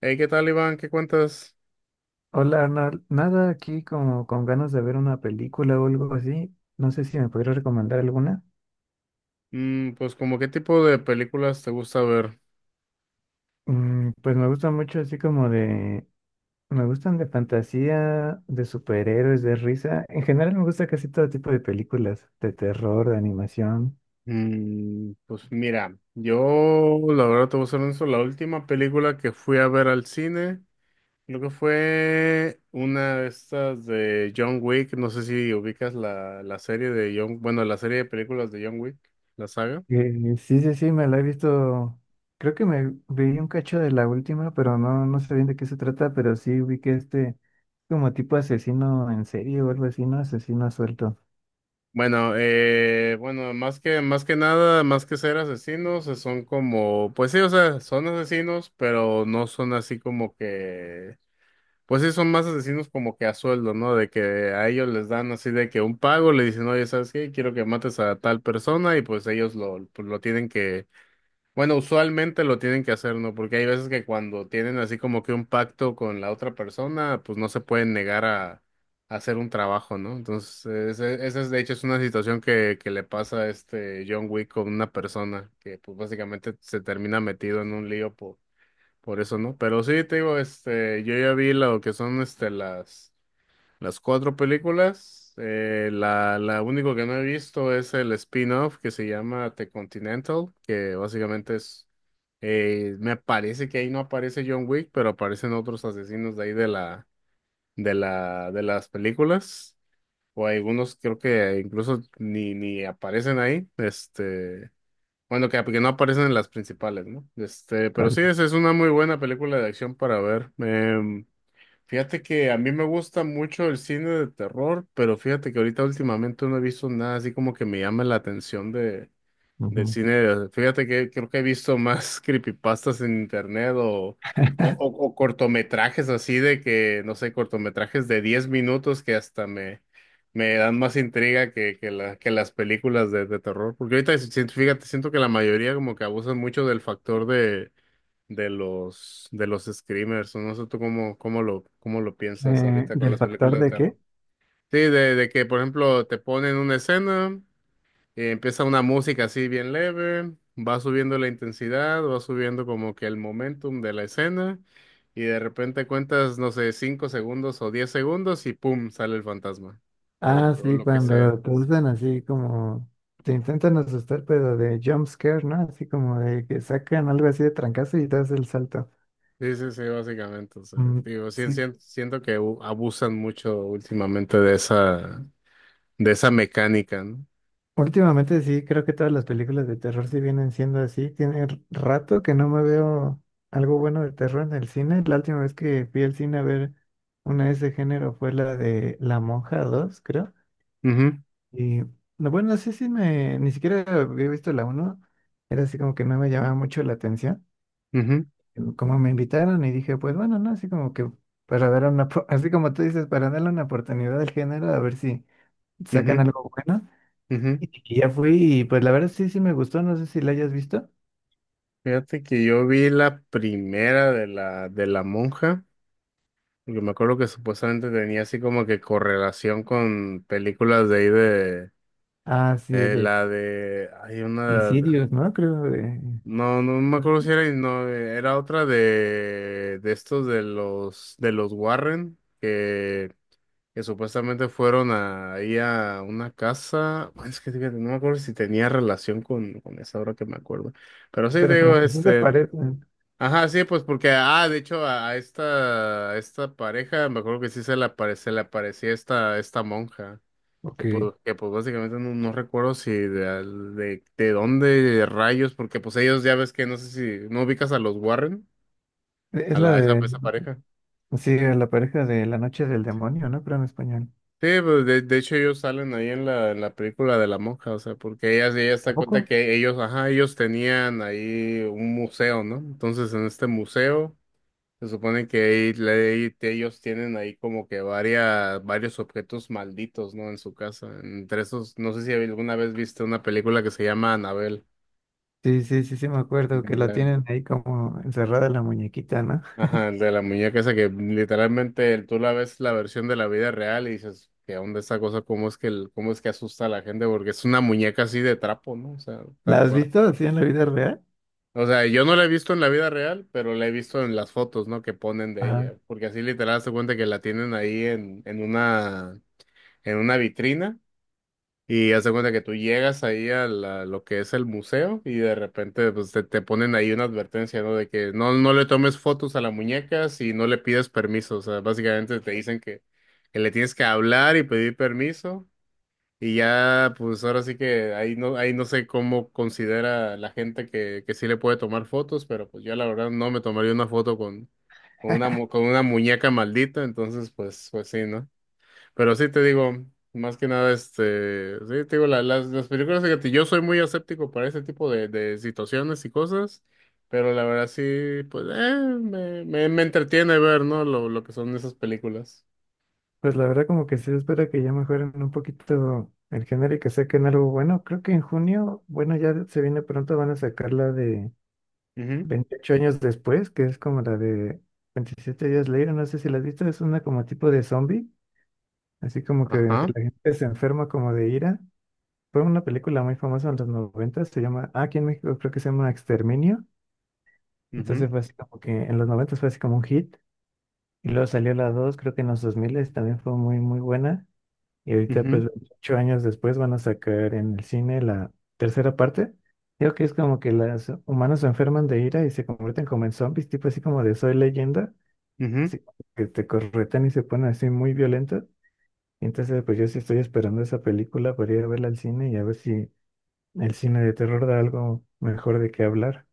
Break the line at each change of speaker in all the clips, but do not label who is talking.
Hey, ¿qué tal, Iván? ¿Qué cuentas?
Hola Arnold, nada aquí como con ganas de ver una película o algo así. No sé si me podrías recomendar alguna.
Pues, ¿como qué tipo de películas te gusta ver?
Pues me gusta mucho así como de... Me gustan de fantasía, de superhéroes, de risa. En general me gusta casi todo tipo de películas, de terror, de animación.
Pues mira, yo la verdad te voy a ser honesto, la última película que fui a ver al cine, creo que fue una de estas de John Wick, no sé si ubicas la serie de John, bueno, la serie de películas de John Wick, la saga.
Sí, sí, sí, me la he visto. Creo que me vi un cacho de la última, pero no, no sé bien de qué se trata, pero sí vi que este como tipo asesino en serie o algo así, ¿no? Asesino suelto.
Bueno, bueno, más que nada, más que ser asesinos, son como, pues sí, o sea, son asesinos, pero no son así como que. Pues sí, son más asesinos como que a sueldo, ¿no? De que a ellos les dan así de que un pago, le dicen, oye, ¿sabes qué? Quiero que mates a tal persona y pues ellos lo, pues, lo tienen que, bueno, usualmente lo tienen que hacer, ¿no? Porque hay veces que cuando tienen así como que un pacto con la otra persona, pues no se pueden negar a hacer un trabajo, ¿no? Entonces, esa es, de hecho, es una situación que le pasa a este John Wick con una persona que pues básicamente se termina metido en un lío por eso no, pero sí te digo, este, yo ya vi lo que son este las cuatro películas. La único que no he visto es el spin-off que se llama The Continental, que básicamente es me parece que ahí no aparece John Wick, pero aparecen otros asesinos de ahí de la de las películas o algunos creo que incluso ni aparecen ahí. Este bueno, que no aparecen en las principales, ¿no? Este, pero
Vale.
sí, esa es una muy buena película de acción para ver. Fíjate que a mí me gusta mucho el cine de terror, pero fíjate que ahorita últimamente no he visto nada así como que me llame la atención de del cine, fíjate que creo que he visto más creepypastas en internet o cortometrajes así de que, no sé, cortometrajes de 10 minutos que hasta me dan más intriga que las películas de terror. Porque ahorita, fíjate, siento que la mayoría como que abusan mucho del factor de, de los screamers. O No sé tú cómo, cómo lo piensas ahorita con
¿Del
las
factor
películas de
de
terror.
qué?
Sí, de que, por ejemplo, te ponen una escena. Empieza una música así bien leve, va subiendo la intensidad, va subiendo como que el momentum de la escena y de repente cuentas, no sé, 5 segundos o 10 segundos y ¡pum! Sale el fantasma
Ah,
o
sí,
lo que
cuando
sea.
te usan así como, te intentan asustar, pero de jump scare, ¿no? Así como de que sacan algo así de trancazo y das el salto.
Sí, sí, sí, básicamente. O sea,
Mm,
digo, sí,
sí.
siento que abusan mucho últimamente de esa mecánica, ¿no?
Últimamente sí, creo que todas las películas de terror sí vienen siendo así. Tiene rato que no me veo algo bueno de terror en el cine. La última vez que fui al cine a ver una de ese género fue la de La Monja dos, creo.
Ujú,
Y no, bueno, no sé si me, ni siquiera había visto la uno, era así como que no me llamaba mucho la atención,
ujú,
como me invitaron y dije, pues bueno, no, así como que para dar una, así como tú dices, para darle una oportunidad al género, a ver si sacan
ujú,
algo bueno.
ujú.
Y ya fui y pues la verdad sí, sí me gustó, no sé si la hayas visto.
Fíjate que yo vi la primera de la monja. Yo me acuerdo que supuestamente tenía así como que correlación con películas de ahí
Ah, sí,
de
de
la de, hay una,
Insidious, ¿no? Creo de,
no, no me acuerdo si era, no, era otra de estos de los Warren, que supuestamente fueron a, ahí a una casa, bueno, es que fíjate, no me acuerdo si tenía relación con esa ahora que me acuerdo, pero sí te
pero
digo,
como que sí se
este.
parecen.
Ajá, sí, pues porque, ah, de hecho, a esta pareja, me acuerdo que sí se le, apare, se le aparecía esta, esta monja,
Ok, e,
que pues básicamente no, no recuerdo si de, de dónde rayos, porque pues ellos ya ves que no sé si, ¿no ubicas a los Warren? A
es la
la, esa,
de,
esa pareja.
sí, la pareja de La Noche del Demonio, ¿no? Pero en español.
Sí, pues de hecho ellos salen ahí en en la película de la monja, o sea, porque ella se
¿A
da cuenta
poco?
que ellos, ajá, ellos tenían ahí un museo, ¿no? Entonces en este museo… Se supone que ahí le- ahí te- ellos tienen ahí como que varios objetos malditos, ¿no? En su casa. Entre esos, no sé si alguna vez viste una película que se llama Anabel.
Sí, sí, sí, sí, me acuerdo que la
La-
tienen ahí como encerrada la muñequita, ¿no?
Ajá, el de la muñeca esa que literalmente tú la ves la versión de la vida real y dices, ¿qué onda esa cosa? ¿Cómo es que, cómo es que asusta a la gente? Porque es una muñeca así de trapo, ¿no? O sea, tal
¿La has
cual.
visto así en la vida real?
O sea, yo no la he visto en la vida real, pero la he visto en las fotos, ¿no? Que ponen de
Ajá.
ella. Porque así literal se cuenta que la tienen ahí en una, en una vitrina y haz de cuenta que tú llegas ahí a lo que es el museo y de repente pues, te ponen ahí una advertencia, ¿no? De que no, no le tomes fotos a la muñeca si no le pides permiso. O sea, básicamente te dicen que le tienes que hablar y pedir permiso. Y ya, pues ahora sí que ahí no sé cómo considera la gente que sí le puede tomar fotos, pero pues yo la verdad no me tomaría una foto con una, con una muñeca maldita, entonces pues, pues sí, ¿no? Pero sí te digo, más que nada, este, sí te digo, las películas, fíjate, yo soy muy escéptico para ese tipo de situaciones y cosas, pero la verdad sí, pues, me entretiene ver, ¿no? Lo que son esas películas.
Pues la verdad como que sí, espero que ya mejoren un poquito el género y que saquen algo bueno. Creo que en junio, bueno, ya se viene pronto, van a sacar la de
Ujú,
28 años después, que es como la de 27 días later, no sé si la has visto, es una como tipo de zombie, así como que la
ajá,
gente se enferma como de ira. Fue una película muy famosa en los 90, se llama, ah, aquí en México creo que se llama Exterminio.
ujú,
Entonces fue así como que en los noventas fue así como un hit. Y luego salió la dos, creo que en los 2000 también fue muy, muy buena. Y ahorita,
ujú,
pues, ocho años después van a sacar en el cine la tercera parte. Creo que es como que los humanos se enferman de ira y se convierten como en zombies, tipo así como de Soy Leyenda.
ujú.
Así que te corretan y se ponen así muy violentos. Y entonces, pues yo sí estoy esperando esa película para ir a verla al cine y a ver si el cine de terror da algo mejor de qué hablar.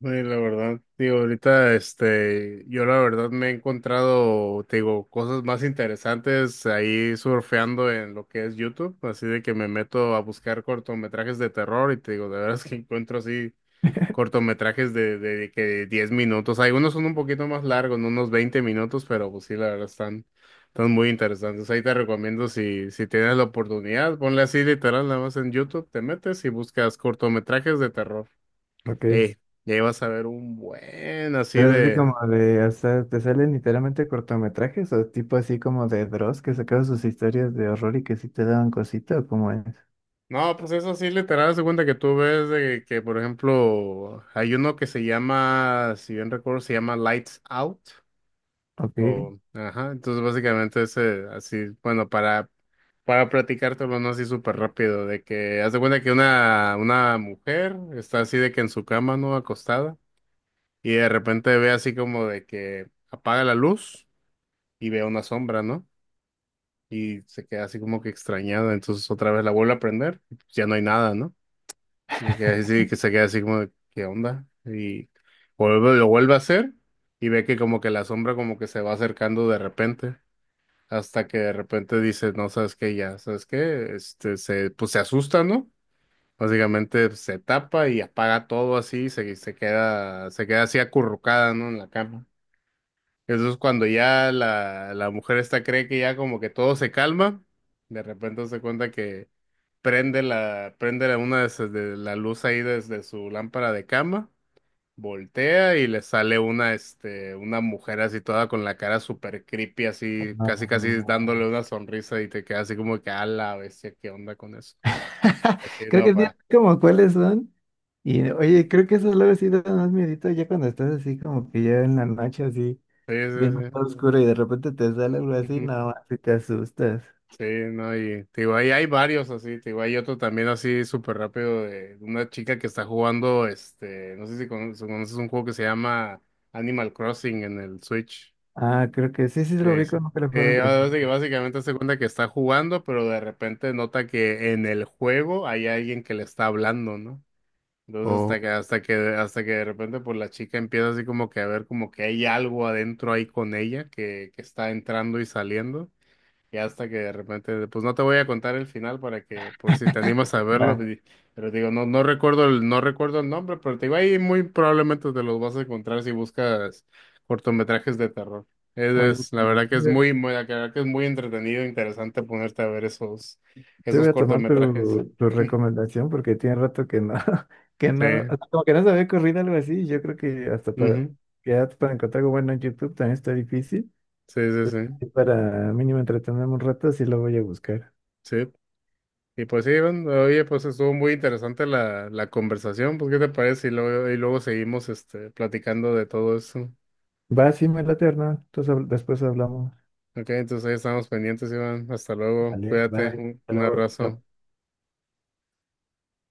Sí, la verdad, digo, ahorita, este, yo la verdad me he encontrado, te digo, cosas más interesantes ahí surfeando en lo que es YouTube, así de que me meto a buscar cortometrajes de terror y te digo, de veras que encuentro así cortometrajes de que 10 minutos, algunos son un poquito más largos, ¿no? Unos 20 minutos, pero pues sí, la verdad están, están muy interesantes. Ahí te recomiendo si tienes la oportunidad, ponle así literal, nada más en YouTube, te metes y buscas cortometrajes de terror.
Ok.
Ey, ya ibas a ver un buen así
Pero es así
de.
como de, o sea, te salen literalmente cortometrajes o tipo así como de Dross que sacaba sus historias de horror y que sí te daban cosita o cómo es.
No, pues eso sí literal, se cuenta que tú ves de que, por ejemplo, hay uno que se llama, si bien recuerdo, se llama Lights Out.
Ok.
O, ajá, entonces básicamente ese, así, bueno, para platicártelo, no así súper rápido, de que haz de cuenta que una mujer está así de que en su cama, ¿no? Acostada, y de repente ve así como de que apaga la luz y ve una sombra, ¿no? Y se queda así como que extrañada, entonces otra vez la vuelve a prender, y pues ya no hay nada, ¿no? Y se queda así, que se queda así como de, ¿qué onda? Y vuelve, lo vuelve a hacer y ve que como que la sombra como que se va acercando de repente, hasta que de repente dice, no, ¿sabes qué? Ya, ¿sabes qué? Este, se, pues se asusta, ¿no? Básicamente pues, se tapa y apaga todo así y se queda así acurrucada, ¿no? En la cama. Eso es cuando ya la mujer esta cree que ya como que todo se calma, de repente se cuenta que una de la luz ahí desde su lámpara de cama, voltea y le sale una, este, una mujer así toda con la cara súper creepy, así, casi
No,
casi
no, no.
dándole una sonrisa y te queda así como que a la bestia, ¿qué onda con eso? Así
Creo
no,
que sí,
para.
como cuáles son. Y
Sí,
oye, creo que eso luego sí da más miedito ya cuando estás así como que ya en la noche así,
sí,
viendo todo oscuro y de repente te sale algo así,
sí.
no, si te asustas.
Sí, no, y te digo, ahí hay varios así, te digo, hay otro también así súper rápido de una chica que está jugando, este, no sé si si conoces, un juego que se llama Animal Crossing en el Switch.
Ah, creo que sí, sí lo
Sí,
vi
sí.
con un teléfono, por
Así que
ejemplo.
básicamente se cuenta que está jugando, pero de repente nota que en el juego hay alguien que le está hablando, ¿no? Entonces
Oh,
hasta que de repente pues la chica empieza así como que a ver como que hay algo adentro ahí con ella que está entrando y saliendo. Y hasta que de repente, pues no te voy a contar el final para que, por si te animas a verlo,
va.
di- pero digo, no, no recuerdo el nombre, pero te digo, ahí muy probablemente te los vas a encontrar si buscas cortometrajes de terror.
Oye,
La verdad que es muy, muy, la verdad que es muy entretenido, interesante ponerte a ver esos,
sí,
esos
voy a tomar
cortometrajes.
tu, tu recomendación porque tiene rato que no, que
Sí,
no, o sea, como que no se me había ocurrido algo así. Yo creo que hasta para,
ujú,
ya para encontrar algo bueno en YouTube también está difícil.
sí, sí, sí,
Y para mínimo entretenerme un rato, sí lo voy a buscar.
sí. Y pues sí, Iván, oye, pues estuvo muy interesante la conversación, pues ¿qué te parece? Y luego seguimos este, platicando de todo eso.
Va, sí, me late, Hernán. Entonces después hablamos.
Ok, entonces ahí estamos pendientes, Iván. Hasta luego.
Vale,
Cuídate.
bye. Hasta
Un
luego.
abrazo.
Chao.